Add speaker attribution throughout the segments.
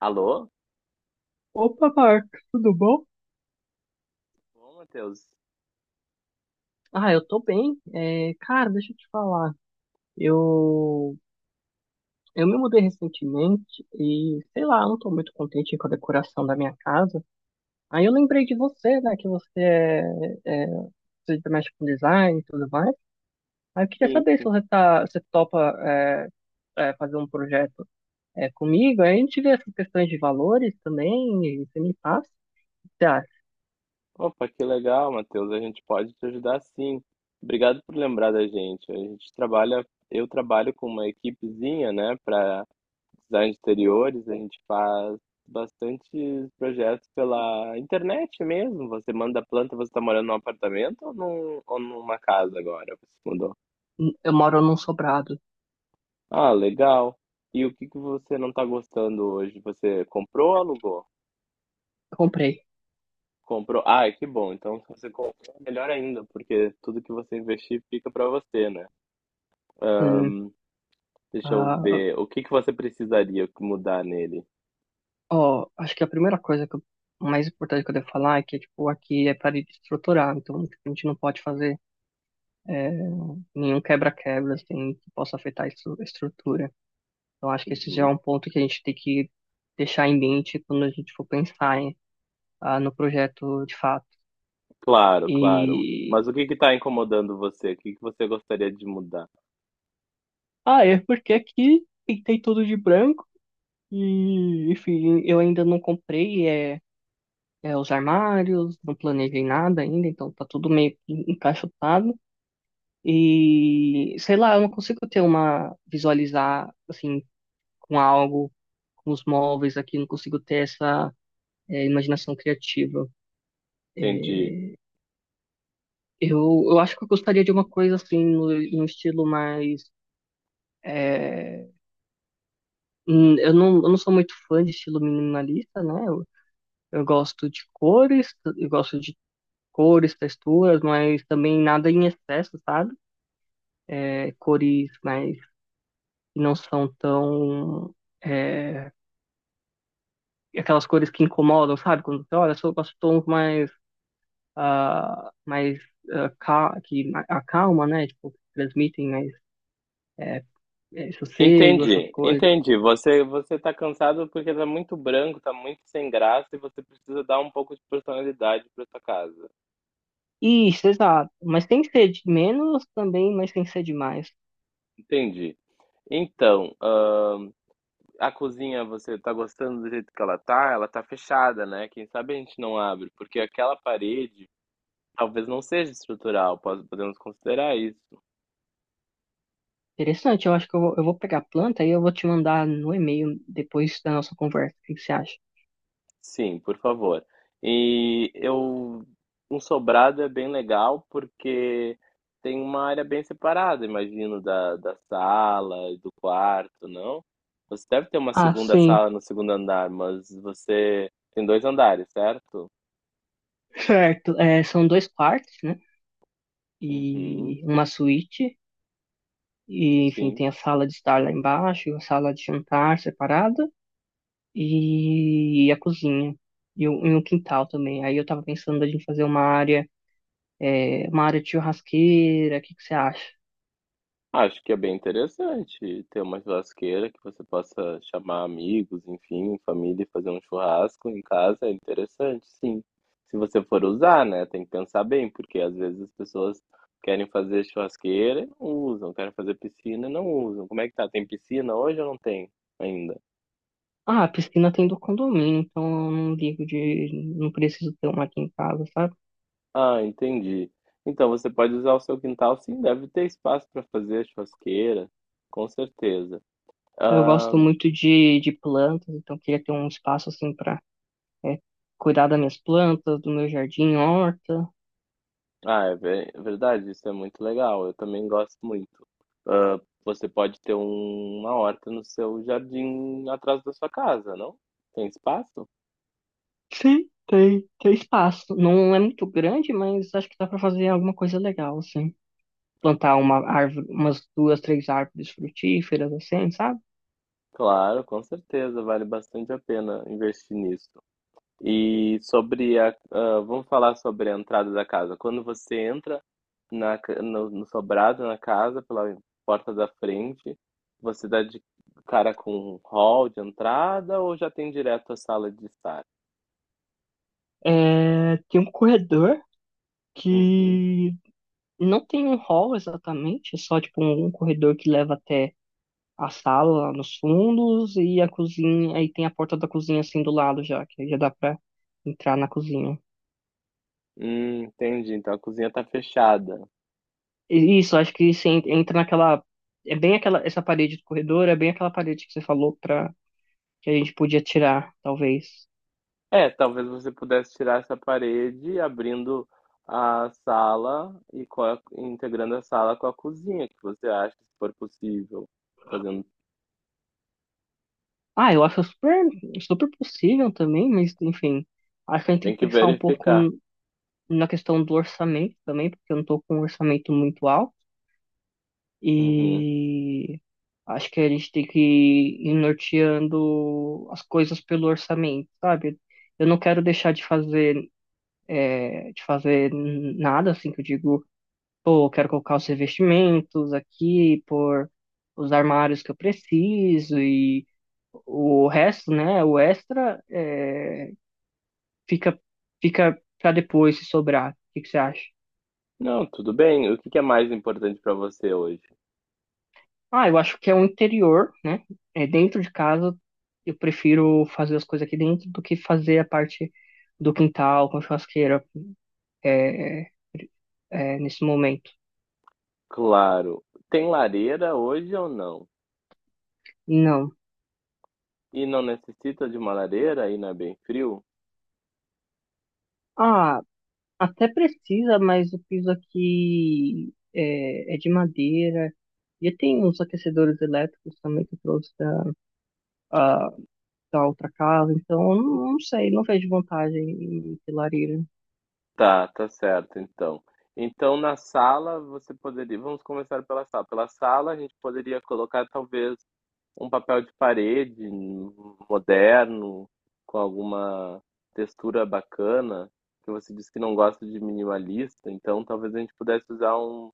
Speaker 1: Alô?
Speaker 2: Opa, Marcos, tudo bom?
Speaker 1: Ô, Matheus.
Speaker 2: Eu tô bem. Cara, deixa eu te falar. Eu, eu me mudei recentemente e, sei lá, eu não tô muito contente com a decoração da minha casa. Aí eu lembrei de você, né, que é, você mexe com design e tudo mais. Aí eu queria
Speaker 1: Sim.
Speaker 2: saber se
Speaker 1: sim.
Speaker 2: você topa fazer um projeto comigo. Aí a gente vê essas questões de valores também e você me passa. Tá,
Speaker 1: Opa, que legal, Matheus. A gente pode te ajudar sim. Obrigado por lembrar da gente. A gente eu trabalho com uma equipezinha, né, para design de interiores. A gente faz bastantes projetos pela internet mesmo. Você manda a planta, você está morando num apartamento ou numa casa agora? Você se mudou?
Speaker 2: eu moro num sobrado.
Speaker 1: Ah, legal. E o que que você não está gostando hoje? Você comprou ou alugou?
Speaker 2: Eu comprei.
Speaker 1: Comprou. Ah, que bom. Então, se você comprou, melhor ainda, porque tudo que você investir fica para você, né?
Speaker 2: Sim.
Speaker 1: Deixa eu
Speaker 2: Ah,
Speaker 1: ver. O que que você precisaria mudar nele?
Speaker 2: ó, acho que a primeira coisa mais importante que eu devo falar é que, tipo, aqui é parede estrutural, então, tipo, a gente não pode fazer é, nenhum quebra-quebra, assim, que possa afetar a a estrutura. Então, acho que esse já é
Speaker 1: Uhum.
Speaker 2: um ponto que a gente tem que deixar em mente quando a gente for pensar em no projeto de fato.
Speaker 1: Claro, claro.
Speaker 2: E...
Speaker 1: Mas o que que está incomodando você? O que que você gostaria de mudar?
Speaker 2: Ah, é porque aqui pintei tudo de branco e, enfim, eu ainda não comprei, os armários, não planejei nada ainda, então tá tudo meio que encaixotado. E, sei lá, eu não consigo ter visualizar, assim, com algo, com os móveis aqui, não consigo ter essa imaginação criativa.
Speaker 1: Entendi.
Speaker 2: É, eu acho que eu gostaria de uma coisa, assim, no estilo mais, é, eu não sou muito fã de estilo minimalista, né? Eu gosto de cores, eu gosto de cores, texturas, mas também nada em excesso, sabe? Cores mas que não são tão, é, aquelas cores que incomodam, sabe? Quando você olha, só gosto de tons mais que acalma, né? Tipo, que transmitem mais é, sossego, essas
Speaker 1: Entendi,
Speaker 2: coisas.
Speaker 1: entendi. Você tá cansado porque tá muito branco, tá muito sem graça e você precisa dar um pouco de personalidade para sua casa.
Speaker 2: Isso, exato. Mas tem que ser de menos também, mas tem que ser de mais.
Speaker 1: Entendi. Então, a cozinha, você tá gostando do jeito que ela tá? Ela tá fechada, né? Quem sabe a gente não abre, porque aquela parede talvez não seja estrutural, podemos considerar isso.
Speaker 2: Interessante, eu acho que eu vou pegar a planta e eu vou te mandar no e-mail depois da nossa conversa. O que que você acha?
Speaker 1: Sim, por favor. E eu, um sobrado é bem legal porque tem uma área bem separada, imagino, da sala e do quarto, não? Você deve ter uma
Speaker 2: Ah,
Speaker 1: segunda
Speaker 2: sim,
Speaker 1: sala no segundo andar, mas você tem dois andares, certo?
Speaker 2: certo. É, são dois quartos, né?
Speaker 1: Uhum,
Speaker 2: E uma suíte. E, enfim,
Speaker 1: sim.
Speaker 2: tem a sala de estar lá embaixo, a sala de jantar separada e a cozinha. E o quintal também. Aí eu tava pensando da gente fazer uma área, uma área de churrasqueira, o que que você acha?
Speaker 1: Acho que é bem interessante ter uma churrasqueira que você possa chamar amigos, enfim, família e fazer um churrasco em casa, é interessante, sim. Se você for usar, né, tem que pensar bem, porque às vezes as pessoas querem fazer churrasqueira e não usam, querem fazer piscina e não usam. Como é que tá? Tem piscina hoje ou não tem ainda?
Speaker 2: Ah, a piscina tem do condomínio, então eu não não preciso ter uma aqui em casa, sabe?
Speaker 1: Ah, entendi. Então você pode usar o seu quintal, sim, deve ter espaço para fazer churrasqueira, com certeza.
Speaker 2: Eu
Speaker 1: Ah,
Speaker 2: gosto muito de plantas, então queria ter um espaço assim pra, é, cuidar das minhas plantas, do meu jardim, horta.
Speaker 1: Ah, é verdade, isso é muito legal. Eu também gosto muito. Ah, você pode ter uma horta no seu jardim atrás da sua casa, não? Tem espaço?
Speaker 2: Sim, tem espaço. Não é muito grande, mas acho que dá pra fazer alguma coisa legal, assim. Plantar uma árvore, umas duas, três árvores frutíferas, assim, sabe?
Speaker 1: Claro, com certeza, vale bastante a pena investir nisso. E vamos falar sobre a entrada da casa. Quando você entra na, ca- no, no sobrado na casa, pela porta da frente, você dá de cara com um hall de entrada ou já tem direto a sala de estar?
Speaker 2: É, tem um corredor
Speaker 1: Uhum.
Speaker 2: que não tem um hall exatamente, é só tipo um corredor que leva até a sala lá nos fundos e a cozinha, aí tem a porta da cozinha assim do lado já, que aí já dá pra entrar na cozinha.
Speaker 1: Entendi. Então a cozinha tá fechada.
Speaker 2: E isso, acho que você entra naquela, essa parede do corredor, é bem aquela parede que você falou que a gente podia tirar, talvez.
Speaker 1: É, talvez você pudesse tirar essa parede, abrindo a sala e integrando a sala com a cozinha, que você acha, se for possível. Fazendo,
Speaker 2: Ah, eu acho super, super possível também, mas enfim, acho que a gente tem
Speaker 1: tem
Speaker 2: que
Speaker 1: que
Speaker 2: pensar um pouco
Speaker 1: verificar.
Speaker 2: na questão do orçamento também, porque eu não estou com um orçamento muito alto
Speaker 1: Uhum.
Speaker 2: e acho que a gente tem que ir norteando as coisas pelo orçamento, sabe? Eu não quero deixar de fazer, né, de fazer nada assim que eu digo, pô, eu quero colocar os revestimentos aqui, por os armários que eu preciso e o resto, né, o extra, fica fica para depois se sobrar. O que que você acha?
Speaker 1: Não, tudo bem. O que que é mais importante para você hoje?
Speaker 2: Ah, eu acho que é o interior, né? É dentro de casa. Eu prefiro fazer as coisas aqui dentro do que fazer a parte do quintal com churrasqueira é, é, nesse momento.
Speaker 1: Claro. Tem lareira hoje ou não?
Speaker 2: Não.
Speaker 1: E não necessita de uma lareira? Aí não é bem frio?
Speaker 2: Ah, até precisa, mas o piso aqui é de madeira. E tem uns aquecedores elétricos também que eu trouxe a- da outra casa, então eu não, não sei, não vejo vantagem em ter lareira.
Speaker 1: Tá, tá certo então. Então na sala você poderia vamos começar pela sala. Pela sala a gente poderia colocar talvez um papel de parede moderno, com alguma textura bacana, que você disse que não gosta de minimalista, então talvez a gente pudesse usar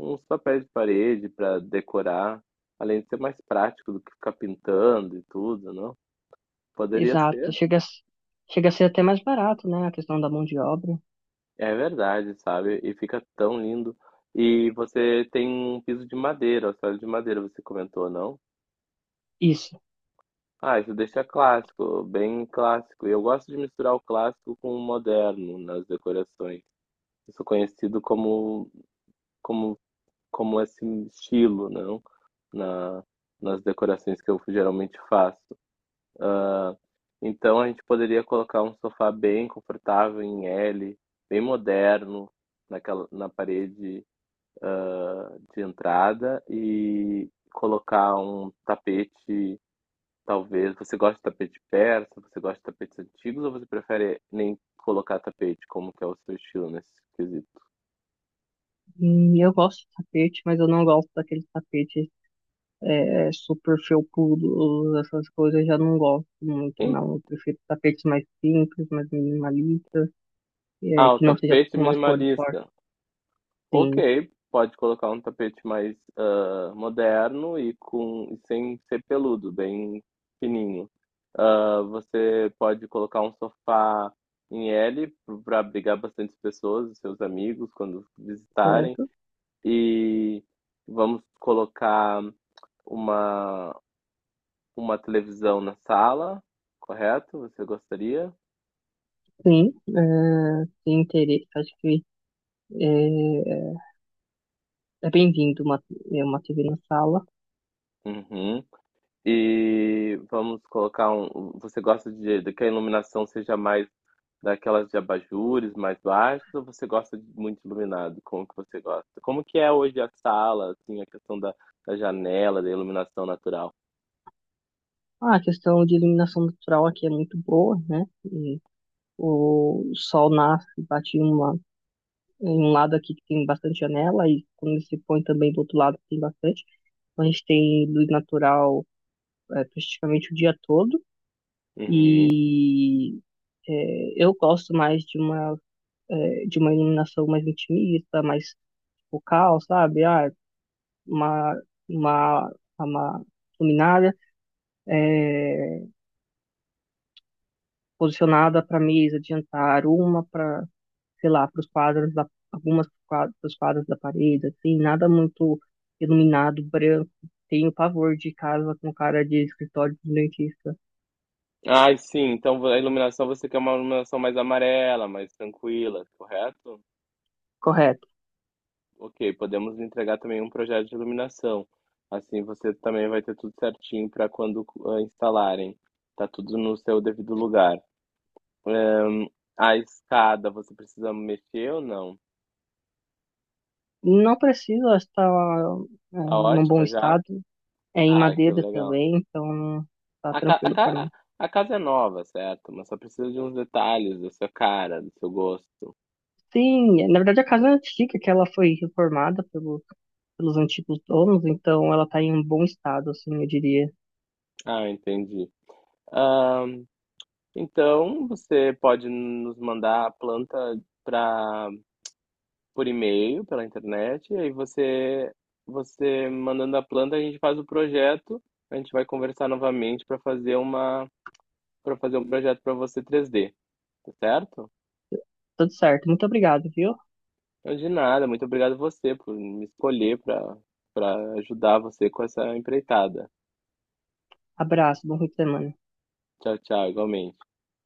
Speaker 1: uns papéis de parede para decorar, além de ser mais prático do que ficar pintando e tudo, não? Poderia
Speaker 2: Exato.
Speaker 1: ser?
Speaker 2: Chega a ser até mais barato, né? A questão da mão de obra.
Speaker 1: É verdade, sabe? E fica tão lindo. E você tem um piso de madeira, o solo de madeira, você comentou, não?
Speaker 2: Isso.
Speaker 1: Ah, isso deixa clássico, bem clássico. E eu gosto de misturar o clássico com o moderno nas decorações. Eu sou conhecido como, como esse estilo, não? Na, nas decorações que eu geralmente faço. Então a gente poderia colocar um sofá bem confortável em L, bem moderno na parede de entrada e colocar um tapete, talvez. Você gosta de tapete persa, você gosta de tapetes antigos ou você prefere nem colocar tapete? Como que é o seu estilo nesse quesito?
Speaker 2: Eu gosto de tapete, mas eu não gosto daqueles tapetes super felpudos, essas coisas. Eu já não gosto muito,
Speaker 1: Em-
Speaker 2: não. Eu prefiro tapetes mais simples, mais minimalistas,
Speaker 1: Ah, o
Speaker 2: que não seja
Speaker 1: tapete
Speaker 2: com umas cores fortes.
Speaker 1: minimalista. Ok,
Speaker 2: Sim,
Speaker 1: pode colocar um tapete mais moderno e com e sem ser peludo, bem fininho. Ah, você pode colocar um sofá em L para abrigar bastante pessoas, seus amigos, quando visitarem.
Speaker 2: certo.
Speaker 1: E vamos colocar uma, uma televisão na sala, correto? Você gostaria?
Speaker 2: Sim, é, tem interesse. Acho que é, é bem-vindo uma, uma TV na sala.
Speaker 1: Uhum. E vamos colocar um. Você gosta de que a iluminação seja mais daquelas de abajures mais baixas ou você gosta de muito iluminado? Como que você gosta? Como que é hoje a sala, assim, a questão da janela, da iluminação natural?
Speaker 2: Ah, a questão de iluminação natural aqui é muito boa, né? O sol nasce, bate em um lado aqui que tem bastante janela, e quando ele se põe também do outro lado tem bastante. Então, a gente tem luz natural praticamente o dia todo.
Speaker 1: Uhum.
Speaker 2: E eu gosto mais de uma, de uma iluminação mais intimista, mais focal, sabe? Ah, uma, uma, uma luminária é, posicionada para mesa de jantar, uma para sei lá, para os quadros da, algumas quadros, pros quadros da parede, assim, nada muito iluminado, branco. Tenho pavor de casa com cara de escritório de dentista.
Speaker 1: Ah, sim. Então a iluminação você quer uma iluminação mais amarela, mais tranquila, correto?
Speaker 2: Correto.
Speaker 1: Ok, podemos entregar também um projeto de iluminação. Assim você também vai ter tudo certinho para quando instalarem. Tá tudo no seu devido lugar. Ahn, a escada, você precisa mexer ou não?
Speaker 2: Não precisa estar
Speaker 1: Tá
Speaker 2: num bom
Speaker 1: ótima já?
Speaker 2: estado. É em
Speaker 1: Ah, que
Speaker 2: madeira
Speaker 1: legal.
Speaker 2: também, então tá
Speaker 1: A, ca- a
Speaker 2: tranquilo para
Speaker 1: ca-
Speaker 2: mim.
Speaker 1: a casa é nova, certo? Mas só precisa de uns detalhes da sua cara, do seu gosto.
Speaker 2: Sim, na verdade a casa é antiga, que ela foi reformada pelos antigos donos, então ela tá em um bom estado, assim, eu diria.
Speaker 1: Ah, entendi. Ahn, então, você pode nos mandar a planta para por e-mail, pela internet, e aí você mandando a planta, a gente faz o projeto, a gente vai conversar novamente para fazer uma para fazer um projeto para você 3D, tá certo?
Speaker 2: Tudo certo. Muito obrigado, viu?
Speaker 1: Então, de nada, muito obrigado você por me escolher para ajudar você com essa empreitada.
Speaker 2: Abraço, bom fim de semana.
Speaker 1: Tchau, tchau, igualmente.